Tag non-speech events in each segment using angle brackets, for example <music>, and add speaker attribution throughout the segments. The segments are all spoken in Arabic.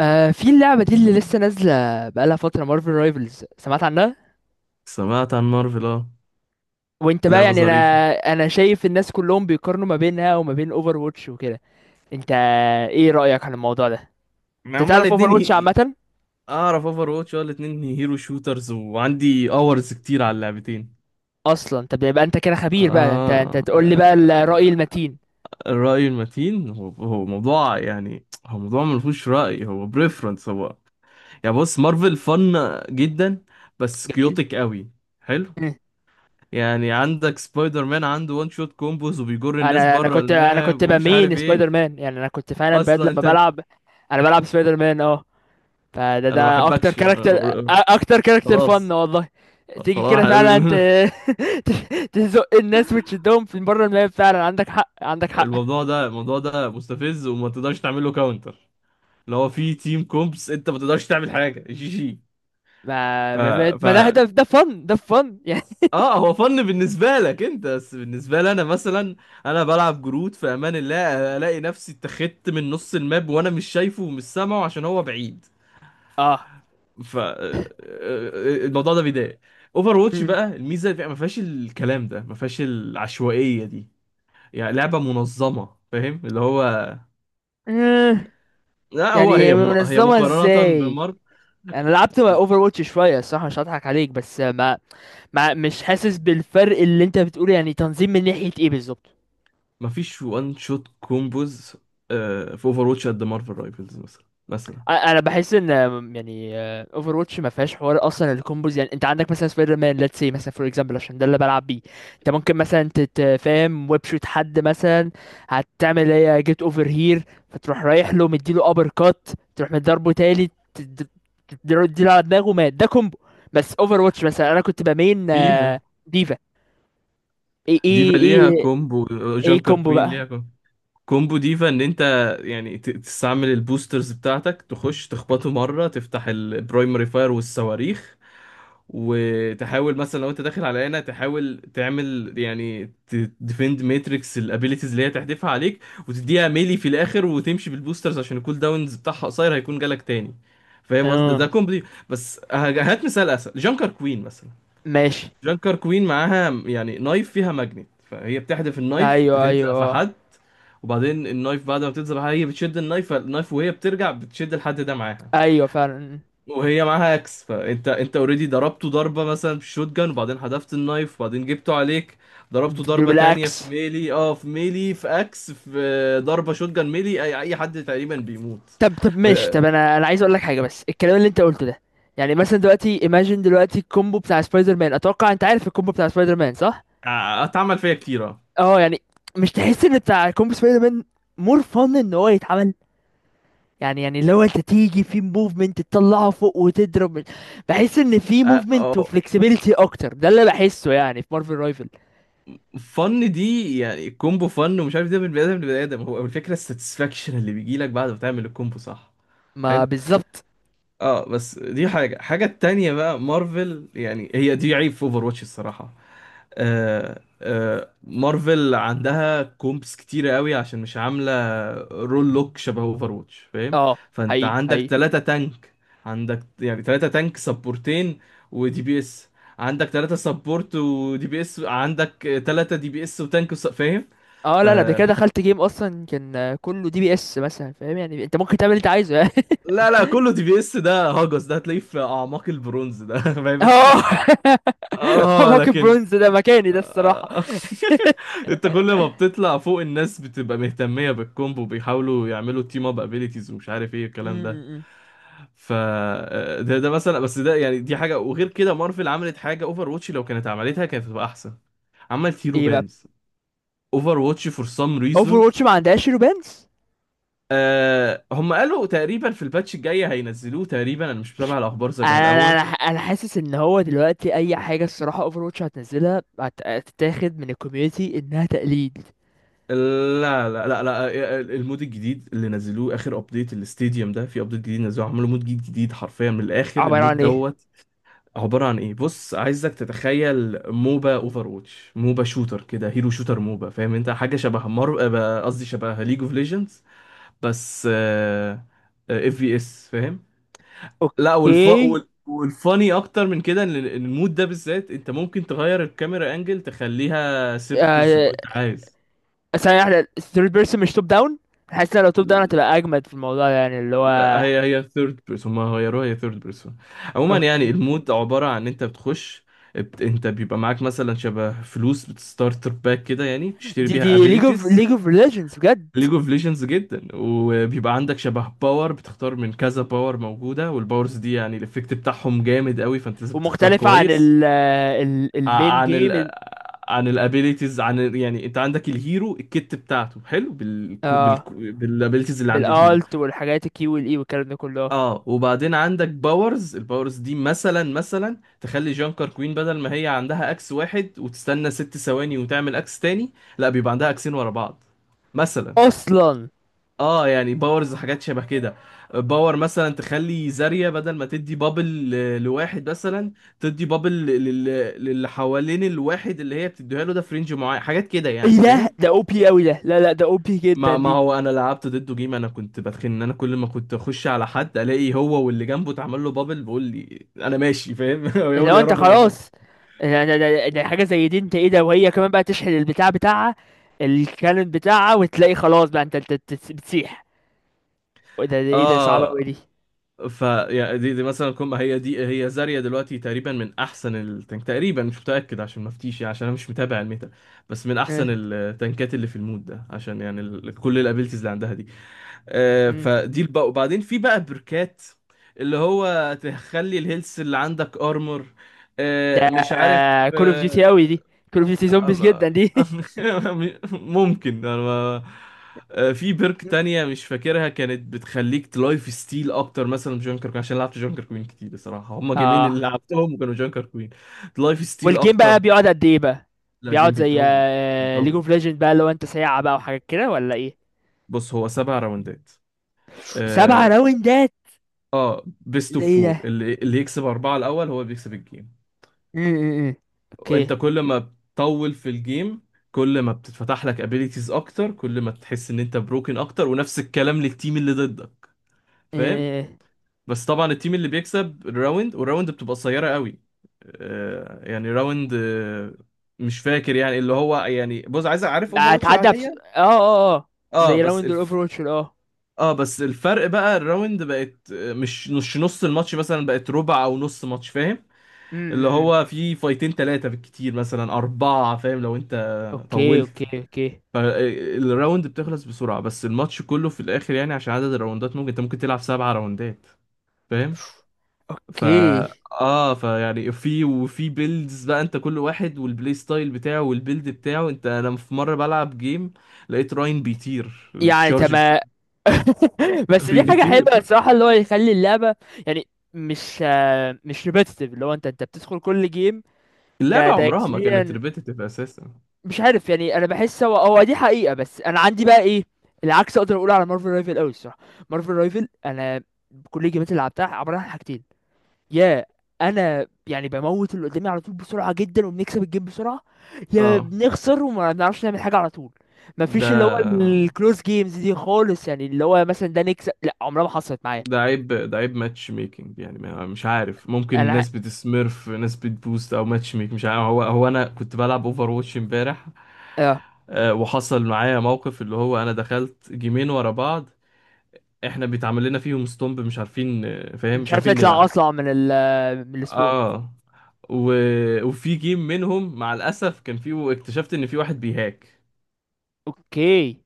Speaker 1: في اللعبة دي اللي لسه نازلة بقالها فترة، مارفل رايفلز سمعت عنها.
Speaker 2: سمعت عن مارفل، اه،
Speaker 1: وانت بقى،
Speaker 2: لعبة
Speaker 1: يعني انا
Speaker 2: ظريفة.
Speaker 1: انا شايف الناس كلهم بيقارنوا ما بينها وما بين اوفر واتش وكده. انت، ايه رأيك عن الموضوع ده؟
Speaker 2: ما
Speaker 1: انت
Speaker 2: هما
Speaker 1: تعرف اوفر
Speaker 2: الاتنين
Speaker 1: واتش
Speaker 2: هي...
Speaker 1: عامة؟
Speaker 2: اعرف اوفر واتش، اه، الاتنين هيرو شوترز وعندي اورز كتير على اللعبتين.
Speaker 1: اصلا طب، يبقى انت كده خبير بقى، انت
Speaker 2: آه.
Speaker 1: تقول لي بقى الرأي
Speaker 2: آه،
Speaker 1: المتين.
Speaker 2: الرأي المتين هو موضوع، يعني هو موضوع ما فيهوش رأي، هو بريفرنس. هو يعني بص مارفل فن جدا، بس
Speaker 1: جميل.
Speaker 2: كيوتك قوي. حلو.
Speaker 1: مم.
Speaker 2: يعني عندك سبايدر مان عنده وان شوت كومبوز وبيجر الناس
Speaker 1: انا انا
Speaker 2: بره
Speaker 1: كنت انا
Speaker 2: الماب
Speaker 1: كنت
Speaker 2: ومش عارف
Speaker 1: بمين سبايدر
Speaker 2: ايه.
Speaker 1: مان، يعني انا كنت فعلا بجد
Speaker 2: اصلا
Speaker 1: لما
Speaker 2: انت انت-
Speaker 1: بلعب. انا بلعب سبايدر مان اه. فده
Speaker 2: انا ما
Speaker 1: ده اكتر
Speaker 2: بحبكش
Speaker 1: كاركتر،
Speaker 2: آه،
Speaker 1: اكتر كاركتر فن
Speaker 2: خلاص.
Speaker 1: والله. تيجي
Speaker 2: خلاص يا
Speaker 1: كده فعلا انت.
Speaker 2: حبيبي. <laughs>
Speaker 1: <laughs> تزق الناس وتشدهم في بره الملعب، فعلا عندك حق، عندك حق.
Speaker 2: الموضوع ده مستفز وما تقدرش تعمل له كاونتر، اللي هو في تيم كومبس انت ما تقدرش تعمل حاجه. <laughs> جي جي.
Speaker 1: ما
Speaker 2: ف
Speaker 1: ما, ما
Speaker 2: ف
Speaker 1: ما ده فن يعني.
Speaker 2: اه، هو فن بالنسبه لك انت، بس بالنسبه لي انا مثلا، انا بلعب جرود في امان الله الاقي نفسي اتخذت من نص الماب وانا مش شايفه ومش سامعه عشان هو بعيد.
Speaker 1: <laughs> اه.
Speaker 2: ف آه، آه، آه، الموضوع ده بيضايق. اوفر واتش
Speaker 1: مم.
Speaker 2: بقى الميزه ما فيهاش الكلام ده، ما فيهاش العشوائيه دي، يعني لعبه منظمه، فاهم اللي هو.
Speaker 1: مم.
Speaker 2: لا هو
Speaker 1: يعني
Speaker 2: هي من... هي
Speaker 1: منظمة
Speaker 2: مقارنة
Speaker 1: ازاي؟
Speaker 2: بمارك،
Speaker 1: انا لعبت اوفر واتش شوية الصراحة، مش هضحك عليك، بس ما, ما مش حاسس بالفرق اللي انت بتقوله. يعني، تنظيم من ناحية ايه بالظبط؟
Speaker 2: مفيش وان شوت كومبوز. في اوفر واتش قد مارفل رايفلز. مثلا
Speaker 1: انا بحس ان، يعني، اوفر واتش ما فيهاش حوار اصلا الكومبوز. يعني انت عندك مثلا سبايدر مان، ليتس سي مثلا، فور اكزامبل عشان ده اللي بلعب بيه. انت ممكن مثلا تتفاهم، ويب شوت حد مثلا، هتعمل ايه؟ جيت اوفر هير، فتروح رايح له مديله ابر كات، تروح مضربه تاني تديله على دماغه، مات. ده كومبو. بس اوفر واتش مثلا، انا كنت بمين
Speaker 2: فيها
Speaker 1: ديفا. ايه
Speaker 2: ديفا
Speaker 1: ايه
Speaker 2: ليها
Speaker 1: ايه.
Speaker 2: كومبو،
Speaker 1: ايه
Speaker 2: جانكر
Speaker 1: كومبو
Speaker 2: كوين ليها
Speaker 1: بقى؟
Speaker 2: كومبو. كومبو ديفا ان انت يعني تستعمل البوسترز بتاعتك، تخش تخبطه مرة، تفتح البرايمري فاير والصواريخ، وتحاول مثلا لو انت داخل على لعنه تحاول تعمل يعني تديفند ماتريكس الابيليتيز اللي هي تحدفها عليك، وتديها ميلي في الاخر وتمشي بالبوسترز عشان الكول داونز بتاعها قصير هيكون جالك تاني. فاهم قصدي؟ ده
Speaker 1: اه
Speaker 2: كومبلي. بس هات مثال اسهل. جانكر كوين مثلا،
Speaker 1: ماشي.
Speaker 2: جانكر كوين معاها يعني نايف، فيها ماجنت، فهي بتحدف النايف
Speaker 1: ايوه
Speaker 2: بتلزق
Speaker 1: ايوه
Speaker 2: في
Speaker 1: اه.
Speaker 2: حد، وبعدين النايف بعد ما بتلزق في حد هي بتشد النايف، فالنايف وهي بترجع بتشد الحد ده معاها،
Speaker 1: ايوه فعلا.
Speaker 2: وهي معاها اكس. فانت انت اوريدي ضربته ضربه مثلا بالشوت جان، وبعدين حذفت النايف، وبعدين جبته عليك، ضربته
Speaker 1: بتديله
Speaker 2: ضربه تانية في
Speaker 1: بالاكس.
Speaker 2: ميلي، اه في ميلي، في اكس، في ضربه شوت جان، ميلي، اي اي حد تقريبا بيموت.
Speaker 1: طب طب
Speaker 2: ف-
Speaker 1: ماشي، طب انا عايز اقول لك حاجه، بس الكلام اللي انت قلته ده، يعني مثلا دلوقتي، ايماجين دلوقتي الكومبو بتاع سبايدر مان، اتوقع انت عارف الكومبو بتاع سبايدر مان صح؟
Speaker 2: اتعمل فيا كتير، اه.
Speaker 1: اه يعني، مش تحس ان بتاع كومبو سبايدر مان مور فن ان هو يتعمل؟ يعني لو انت تيجي في موفمنت تطلعه فوق وتضرب، بحس ان في
Speaker 2: آه،
Speaker 1: موفمنت
Speaker 2: آه،
Speaker 1: وفلكسبيليتي اكتر. ده اللي بحسه يعني في مارفل رايفل.
Speaker 2: فن دي، يعني كومبو فن، ومش عارف ده من بني ادم لبني ادم، هو الفكره الساتسفاكشن اللي بيجي لك بعد ما تعمل الكومبو، صح.
Speaker 1: ما
Speaker 2: حلو.
Speaker 1: بالظبط.
Speaker 2: اه بس دي حاجه. حاجه التانية بقى مارفل، يعني هي دي عيب في اوفر واتش الصراحه. مارفل عندها كومبس كتيرة قوي عشان مش عاملة رول لوك شبه اوفر واتش، فاهم.
Speaker 1: اه
Speaker 2: فانت
Speaker 1: حقيقي
Speaker 2: عندك
Speaker 1: حقيقي.
Speaker 2: تلاتة تانك، عندك يعني تلاتة تانك، سبورتين ودي بي اس. عندك تلاتة سبورت ودي بي اس، عندك تلاتة دي بي اس وتانك فاهم.
Speaker 1: اه
Speaker 2: ف
Speaker 1: لا لا، قبل كده دخلت جيم اصلا كان كله DPS مثلا، فاهم؟ يعني انت ممكن تعمل اللي انت عايزه. <laughs>
Speaker 2: لا لا، كله دي بي اس ده هاجس، ده هتلاقيه في اعماق البرونز ده. <laughs> فاهم انت،
Speaker 1: اه. <laughs>
Speaker 2: اه.
Speaker 1: موكب
Speaker 2: لكن
Speaker 1: برونز ده مكاني ده
Speaker 2: <laughs>
Speaker 1: الصراحة.
Speaker 2: انت كل ما بتطلع فوق الناس بتبقى مهتمية بالكومبو، بيحاولوا يعملوا تيم اب ابيليتيز ومش عارف ايه الكلام ده.
Speaker 1: امم.
Speaker 2: ف آه، ده مثلا. بس ده يعني دي حاجة، وغير كده مارفل عملت حاجة اوفر واتش لو كانت عملتها كانت هتبقى احسن. عملت هيرو
Speaker 1: ايه بقى؟
Speaker 2: بانز. اوفر واتش فور سام
Speaker 1: اوفر
Speaker 2: ريزون،
Speaker 1: واتش ما عندهاش رومانس.
Speaker 2: آه هم قالوا تقريبا في الباتش الجاي هينزلوه تقريبا، انا مش متابع الاخبار زي
Speaker 1: انا انا
Speaker 2: الاول.
Speaker 1: انا أنا حاسس ان هو دلوقتي اي حاجه الصراحه اوفر واتش هتنزلها هتتاخد من الكوميونتي انها تقليد.
Speaker 2: لا، المود الجديد اللي نزلوه اخر ابديت الاستاديوم ده، في ابديت جديد نزلوه عملوا مود جديد جديد حرفيا من الاخر،
Speaker 1: عباره
Speaker 2: المود
Speaker 1: عن ايه؟
Speaker 2: دوت. عباره عن ايه؟ بص عايزك تتخيل موبا اوفر واتش، موبا شوتر كده، هيرو شوتر موبا، فاهم انت، حاجه شبه مر آه، قصدي شبه ليج اوف ليجندز. بس اف في اس، فاهم. لا والف
Speaker 1: اوكي.
Speaker 2: والفاني اكتر من كده، ان إن المود ده بالذات انت ممكن تغير الكاميرا انجل تخليها ثيرد بيرسون
Speaker 1: آه،
Speaker 2: لو انت عايز.
Speaker 1: ثانيه واحده، الثيرد بيرسون مش توب داون؟ حاسس إن لو توب داون هتبقى اجمد في الموضوع ده، يعني اللي
Speaker 2: لا
Speaker 1: هو.
Speaker 2: هي هي ثيرد بيرسون، ما غيروها، هي ثيرد بيرسون. عموما يعني
Speaker 1: اوكي.
Speaker 2: المود عبارة عن انت بتخش، انت بيبقى معاك مثلا شبه فلوس، بتستارتر باك كده، يعني بتشتري
Speaker 1: دي
Speaker 2: بيها
Speaker 1: ليج اوف
Speaker 2: ابيليتيز.
Speaker 1: ليج اوف ليجندز بجد.
Speaker 2: ليج اوف ليجندز جدا. وبيبقى عندك شبه باور، بتختار من كذا باور موجودة، والباورز دي يعني الافكت بتاعهم جامد قوي، فانت لازم تختار
Speaker 1: ومختلفه عن
Speaker 2: كويس.
Speaker 1: ال المين
Speaker 2: ع- عن ال
Speaker 1: جيم؟
Speaker 2: عن الابيليتيز، يعني انت عندك الهيرو الكت بتاعته حلو بالابيليتيز اللي عند الهيرو.
Speaker 1: بالالت والحاجات الكي والاي والكلام ده كله.
Speaker 2: اه وبعدين عندك باورز، الباورز دي مثلا تخلي جانكر كوين بدل ما هي عندها اكس واحد وتستنى ست ثواني وتعمل اكس تاني، لا بيبقى عندها اكسين ورا بعض مثلا.
Speaker 1: اصلا.
Speaker 2: اه يعني باورز حاجات شبه كده. باور مثلا تخلي زاريا بدل ما تدي بابل لواحد مثلا، تدي بابل للي حوالين الواحد اللي هي بتديها له، ده في رينج معين، حاجات كده يعني،
Speaker 1: ايه ده
Speaker 2: فاهم.
Speaker 1: ده OP قوي ده، لا لا ده OP جدا
Speaker 2: ما
Speaker 1: دي.
Speaker 2: هو انا لعبت ضده جيم، انا كنت بتخن ان انا كل ما كنت اخش على حد الاقي هو واللي جنبه اتعمل له بابل، بيقول لي انا ماشي فاهم، <laughs>
Speaker 1: اللي
Speaker 2: يقول لي
Speaker 1: هو
Speaker 2: يا
Speaker 1: انت
Speaker 2: رب ما
Speaker 1: خلاص،
Speaker 2: اموت.
Speaker 1: ده حاجه زي دي، انت ايه ده؟ وهي كمان بقى تشحن البتاع بتاعها، الكانون بتاعها، وتلاقي خلاص بقى انت بتسيح. وده ايه ده؟ صعبه قوي
Speaker 2: اه.
Speaker 1: دي.
Speaker 2: ف يعني دي مثلا كم، هي دي هي زاريا دلوقتي تقريبا من احسن التانك، تقريبا مش متاكد عشان ما افتيش يعني، عشان انا مش متابع الميتا، بس من
Speaker 1: اه.
Speaker 2: احسن التانكات اللي في المود ده عشان يعني كل الابيلتيز اللي عندها دي.
Speaker 1: ام.
Speaker 2: فدي البقى، وبعدين في بقى بركات، اللي هو تخلي الهيلث اللي عندك ارمر،
Speaker 1: ده
Speaker 2: مش عارف
Speaker 1: كول اوف ديوتي
Speaker 2: آه،
Speaker 1: قوي دي، كول اوف ديوتي زومبيز
Speaker 2: آه،
Speaker 1: جدا دي. <laughs>
Speaker 2: <laughs> ممكن انا ما- آه، في بيرك
Speaker 1: ام.
Speaker 2: تانية مش فاكرها كانت بتخليك تلايف ستيل اكتر مثلا من جونكر كوين، عشان لعبت جونكر كوين كتير الصراحة، هما جيمين اللي
Speaker 1: اه.
Speaker 2: لعبتهم وكانوا جونكر كوين. تلايف ستيل
Speaker 1: والجيم
Speaker 2: اكتر.
Speaker 1: بقى بيقعد قد ايه بقى؟
Speaker 2: لا،
Speaker 1: بيقعد
Speaker 2: جيم
Speaker 1: زي
Speaker 2: بيطول.
Speaker 1: ليج
Speaker 2: بيطول.
Speaker 1: اوف ليجند بقى؟ لو انت ساعة بقى وحاجات كده ولا ايه؟
Speaker 2: بص، هو سبع راوندات
Speaker 1: سبع
Speaker 2: آه،
Speaker 1: راوندات؟
Speaker 2: اه، بيست
Speaker 1: ده
Speaker 2: اوف
Speaker 1: ايه
Speaker 2: فور،
Speaker 1: ده؟
Speaker 2: اللي يكسب أربعة الأول هو اللي بيكسب الجيم.
Speaker 1: م- م- م.
Speaker 2: وأنت
Speaker 1: اوكي.
Speaker 2: كل ما بتطول في الجيم كل ما بتتفتح لك ابيليتيز أكتر، كل ما تحس إن أنت بروكن أكتر، ونفس الكلام للتيم اللي ضدك،
Speaker 1: م-
Speaker 2: فاهم.
Speaker 1: م.
Speaker 2: بس طبعا التيم اللي بيكسب الراوند، والراوند بتبقى قصيرة قوي. آه يعني راوند، آه مش فاكر يعني اللي هو يعني، بص عايز أعرف اوفر واتش
Speaker 1: هتعدى بس،
Speaker 2: العادية.
Speaker 1: اه اه اه.
Speaker 2: اه
Speaker 1: زي
Speaker 2: بس
Speaker 1: راوند الاوفر
Speaker 2: الف...
Speaker 1: واتش اه.
Speaker 2: اه، بس الفرق بقى الراوند بقت مش مش نص الماتش مثلا، بقت ربع او نص ماتش، فاهم.
Speaker 1: م-
Speaker 2: اللي
Speaker 1: م- م.
Speaker 2: هو في فايتين ثلاثة بالكتير، مثلا أربعة، فاهم، لو أنت
Speaker 1: اوكي اوكي
Speaker 2: طولت.
Speaker 1: اوكي.
Speaker 2: فالراوند بتخلص بسرعة، بس الماتش كله في الآخر يعني عشان عدد الراوندات ممكن أنت ممكن تلعب سبعة راوندات، فاهم. فا
Speaker 1: اوكي.
Speaker 2: اه فيعني في وفي بيلدز بقى، انت كل واحد والبلاي ستايل بتاعه والبيلد بتاعه، انت انا في مره بلعب جيم لقيت راين بيطير
Speaker 1: يعني
Speaker 2: بتشارج.
Speaker 1: تمام. <laughs> بس دي
Speaker 2: <laughs>
Speaker 1: حاجة حلوة
Speaker 2: بيطير.
Speaker 1: الصراحة، اللي هو يخلي اللعبة يعني مش ريبيتيتيف، اللي هو انت بتدخل كل جيم ده
Speaker 2: اللعبه
Speaker 1: ده
Speaker 2: عمرها ما كانت
Speaker 1: experience،
Speaker 2: ريبيتيتيف اساسا.
Speaker 1: مش عارف يعني. انا بحس هو دي حقيقة. بس انا عندي بقى ايه؟ العكس اقدر اقوله على مارفل رايفل قوي الصراحة. مارفل رايفل، انا كل الجيمات اللي لعبتها عبارة عن حاجتين: يا انا يعني بموت اللي قدامي على طول بسرعة جدا وبنكسب الجيم بسرعة، يا
Speaker 2: اه،
Speaker 1: بنخسر وما بنعرفش نعمل حاجة على طول.
Speaker 2: ده
Speaker 1: مفيش اللي هو الكلوز جيمز دي خالص، يعني اللي هو مثلا ده نكسب، لا عمرها ما حصلت معايا.
Speaker 2: ده عيب، ده عيب ماتش ميكنج يعني، مش عارف، ممكن
Speaker 1: انا.
Speaker 2: ناس بتسميرف، ناس بتبوست، او ماتش ميك مش عارف، هو هو انا كنت بلعب اوفر واتش امبارح
Speaker 1: اه.
Speaker 2: آه، وحصل معايا موقف اللي هو انا دخلت جيمين ورا بعض، احنا بيتعمل لنا فيهم ستومب مش عارفين، فاهم،
Speaker 1: مش
Speaker 2: مش
Speaker 1: عارف
Speaker 2: عارفين
Speaker 1: اطلع
Speaker 2: نلعب.
Speaker 1: اطلع من من السبون.
Speaker 2: اه و... وفي جيم منهم مع الاسف كان فيه، اكتشفت ان في واحد بيهاك،
Speaker 1: اوكي.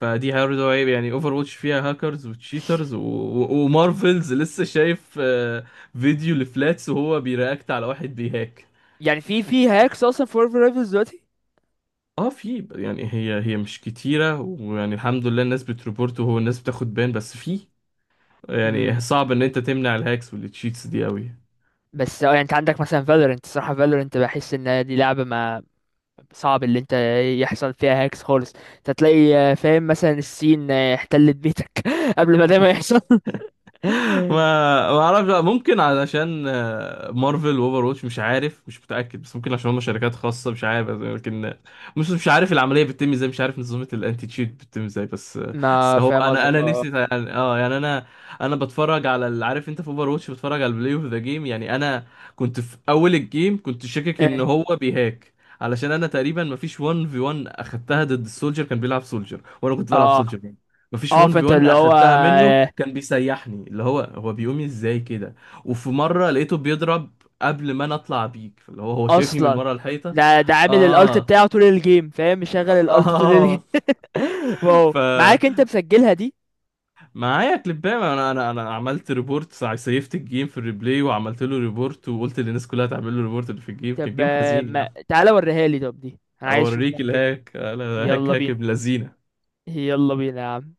Speaker 2: فدي برضه عيب يعني. اوفر واتش فيها هاكرز وتشيترز ومارفلز لسه، شايف فيديو لفلاتس وهو بيرياكت على واحد بيهاك.
Speaker 1: يعني في هاكس اصلا في مارفل رايفلز دلوقتي؟
Speaker 2: اه، في يعني هي هي مش كتيرة، ويعني الحمد لله الناس بتريبورت وهو الناس بتاخد بان، بس في، يعني صعب ان انت تمنع الهاكس والتشيتس دي قوي.
Speaker 1: بس اه يعني انت عندك مثلا فالورنت، صراحة فالورنت بحس ان دي لعبة ما صعب اللي انت يحصل فيها هاكس خالص. انت تلاقي فاهم مثلا الصين احتلت بيتك <laughs> قبل ما ده ما يحصل. <laughs>
Speaker 2: ما ما اعرفش بقى، ممكن علشان مارفل واوفر واتش مش عارف، مش متاكد، بس ممكن عشان هم شركات خاصه مش عارف، لكن مش عارف العمليه بتتم ازاي، مش عارف نظام الانتي تشيت بتتم ازاي، بس بس
Speaker 1: ما
Speaker 2: هو
Speaker 1: فاهم
Speaker 2: انا
Speaker 1: قصدك
Speaker 2: انا
Speaker 1: اه.
Speaker 2: نفسي يعني اه يعني انا، انا بتفرج على عارف انت في اوفر واتش بتفرج على البلاي اوف ذا جيم، يعني انا كنت في اول الجيم كنت شاكك
Speaker 1: اه.
Speaker 2: ان هو بيهاك، علشان انا تقريبا مفيش 1 في 1 اخدتها ضد السولجر، كان بيلعب سولجر وانا كنت بلعب
Speaker 1: اه،
Speaker 2: سولجر، مفيش
Speaker 1: اه،
Speaker 2: 1 في
Speaker 1: فانت
Speaker 2: 1
Speaker 1: اللي هو
Speaker 2: اخدتها منه، كان بيسيحني اللي هو هو بيقوم ازاي كده. وفي مره لقيته بيضرب قبل ما انا اطلع بيك، فاللي هو هو شايفني من
Speaker 1: اصلا
Speaker 2: ورا الحيطه.
Speaker 1: ده عامل الالت
Speaker 2: اه،
Speaker 1: بتاعه طول الجيم، فاهم؟ مشغل الالت طول الجيم.
Speaker 2: اه.
Speaker 1: <laughs>
Speaker 2: <laughs>
Speaker 1: واو معاك انت
Speaker 2: فمعايا
Speaker 1: مسجلها دي؟
Speaker 2: كليبام. انا عملت ريبورت، سيفت الجيم في الريبلاي وعملت له ريبورت، وقلت للناس كلها تعمل له ريبورت اللي في الجيم،
Speaker 1: طب
Speaker 2: كان جيم حزين
Speaker 1: ما...
Speaker 2: يعني.
Speaker 1: تعالى وريها لي، طب دي انا عايز اشوف،
Speaker 2: اوريك
Speaker 1: ممكن؟
Speaker 2: الهاك، الهاك، هاك
Speaker 1: يلا
Speaker 2: هاك
Speaker 1: بينا،
Speaker 2: ابن لذينه.
Speaker 1: يلا بينا يا عم.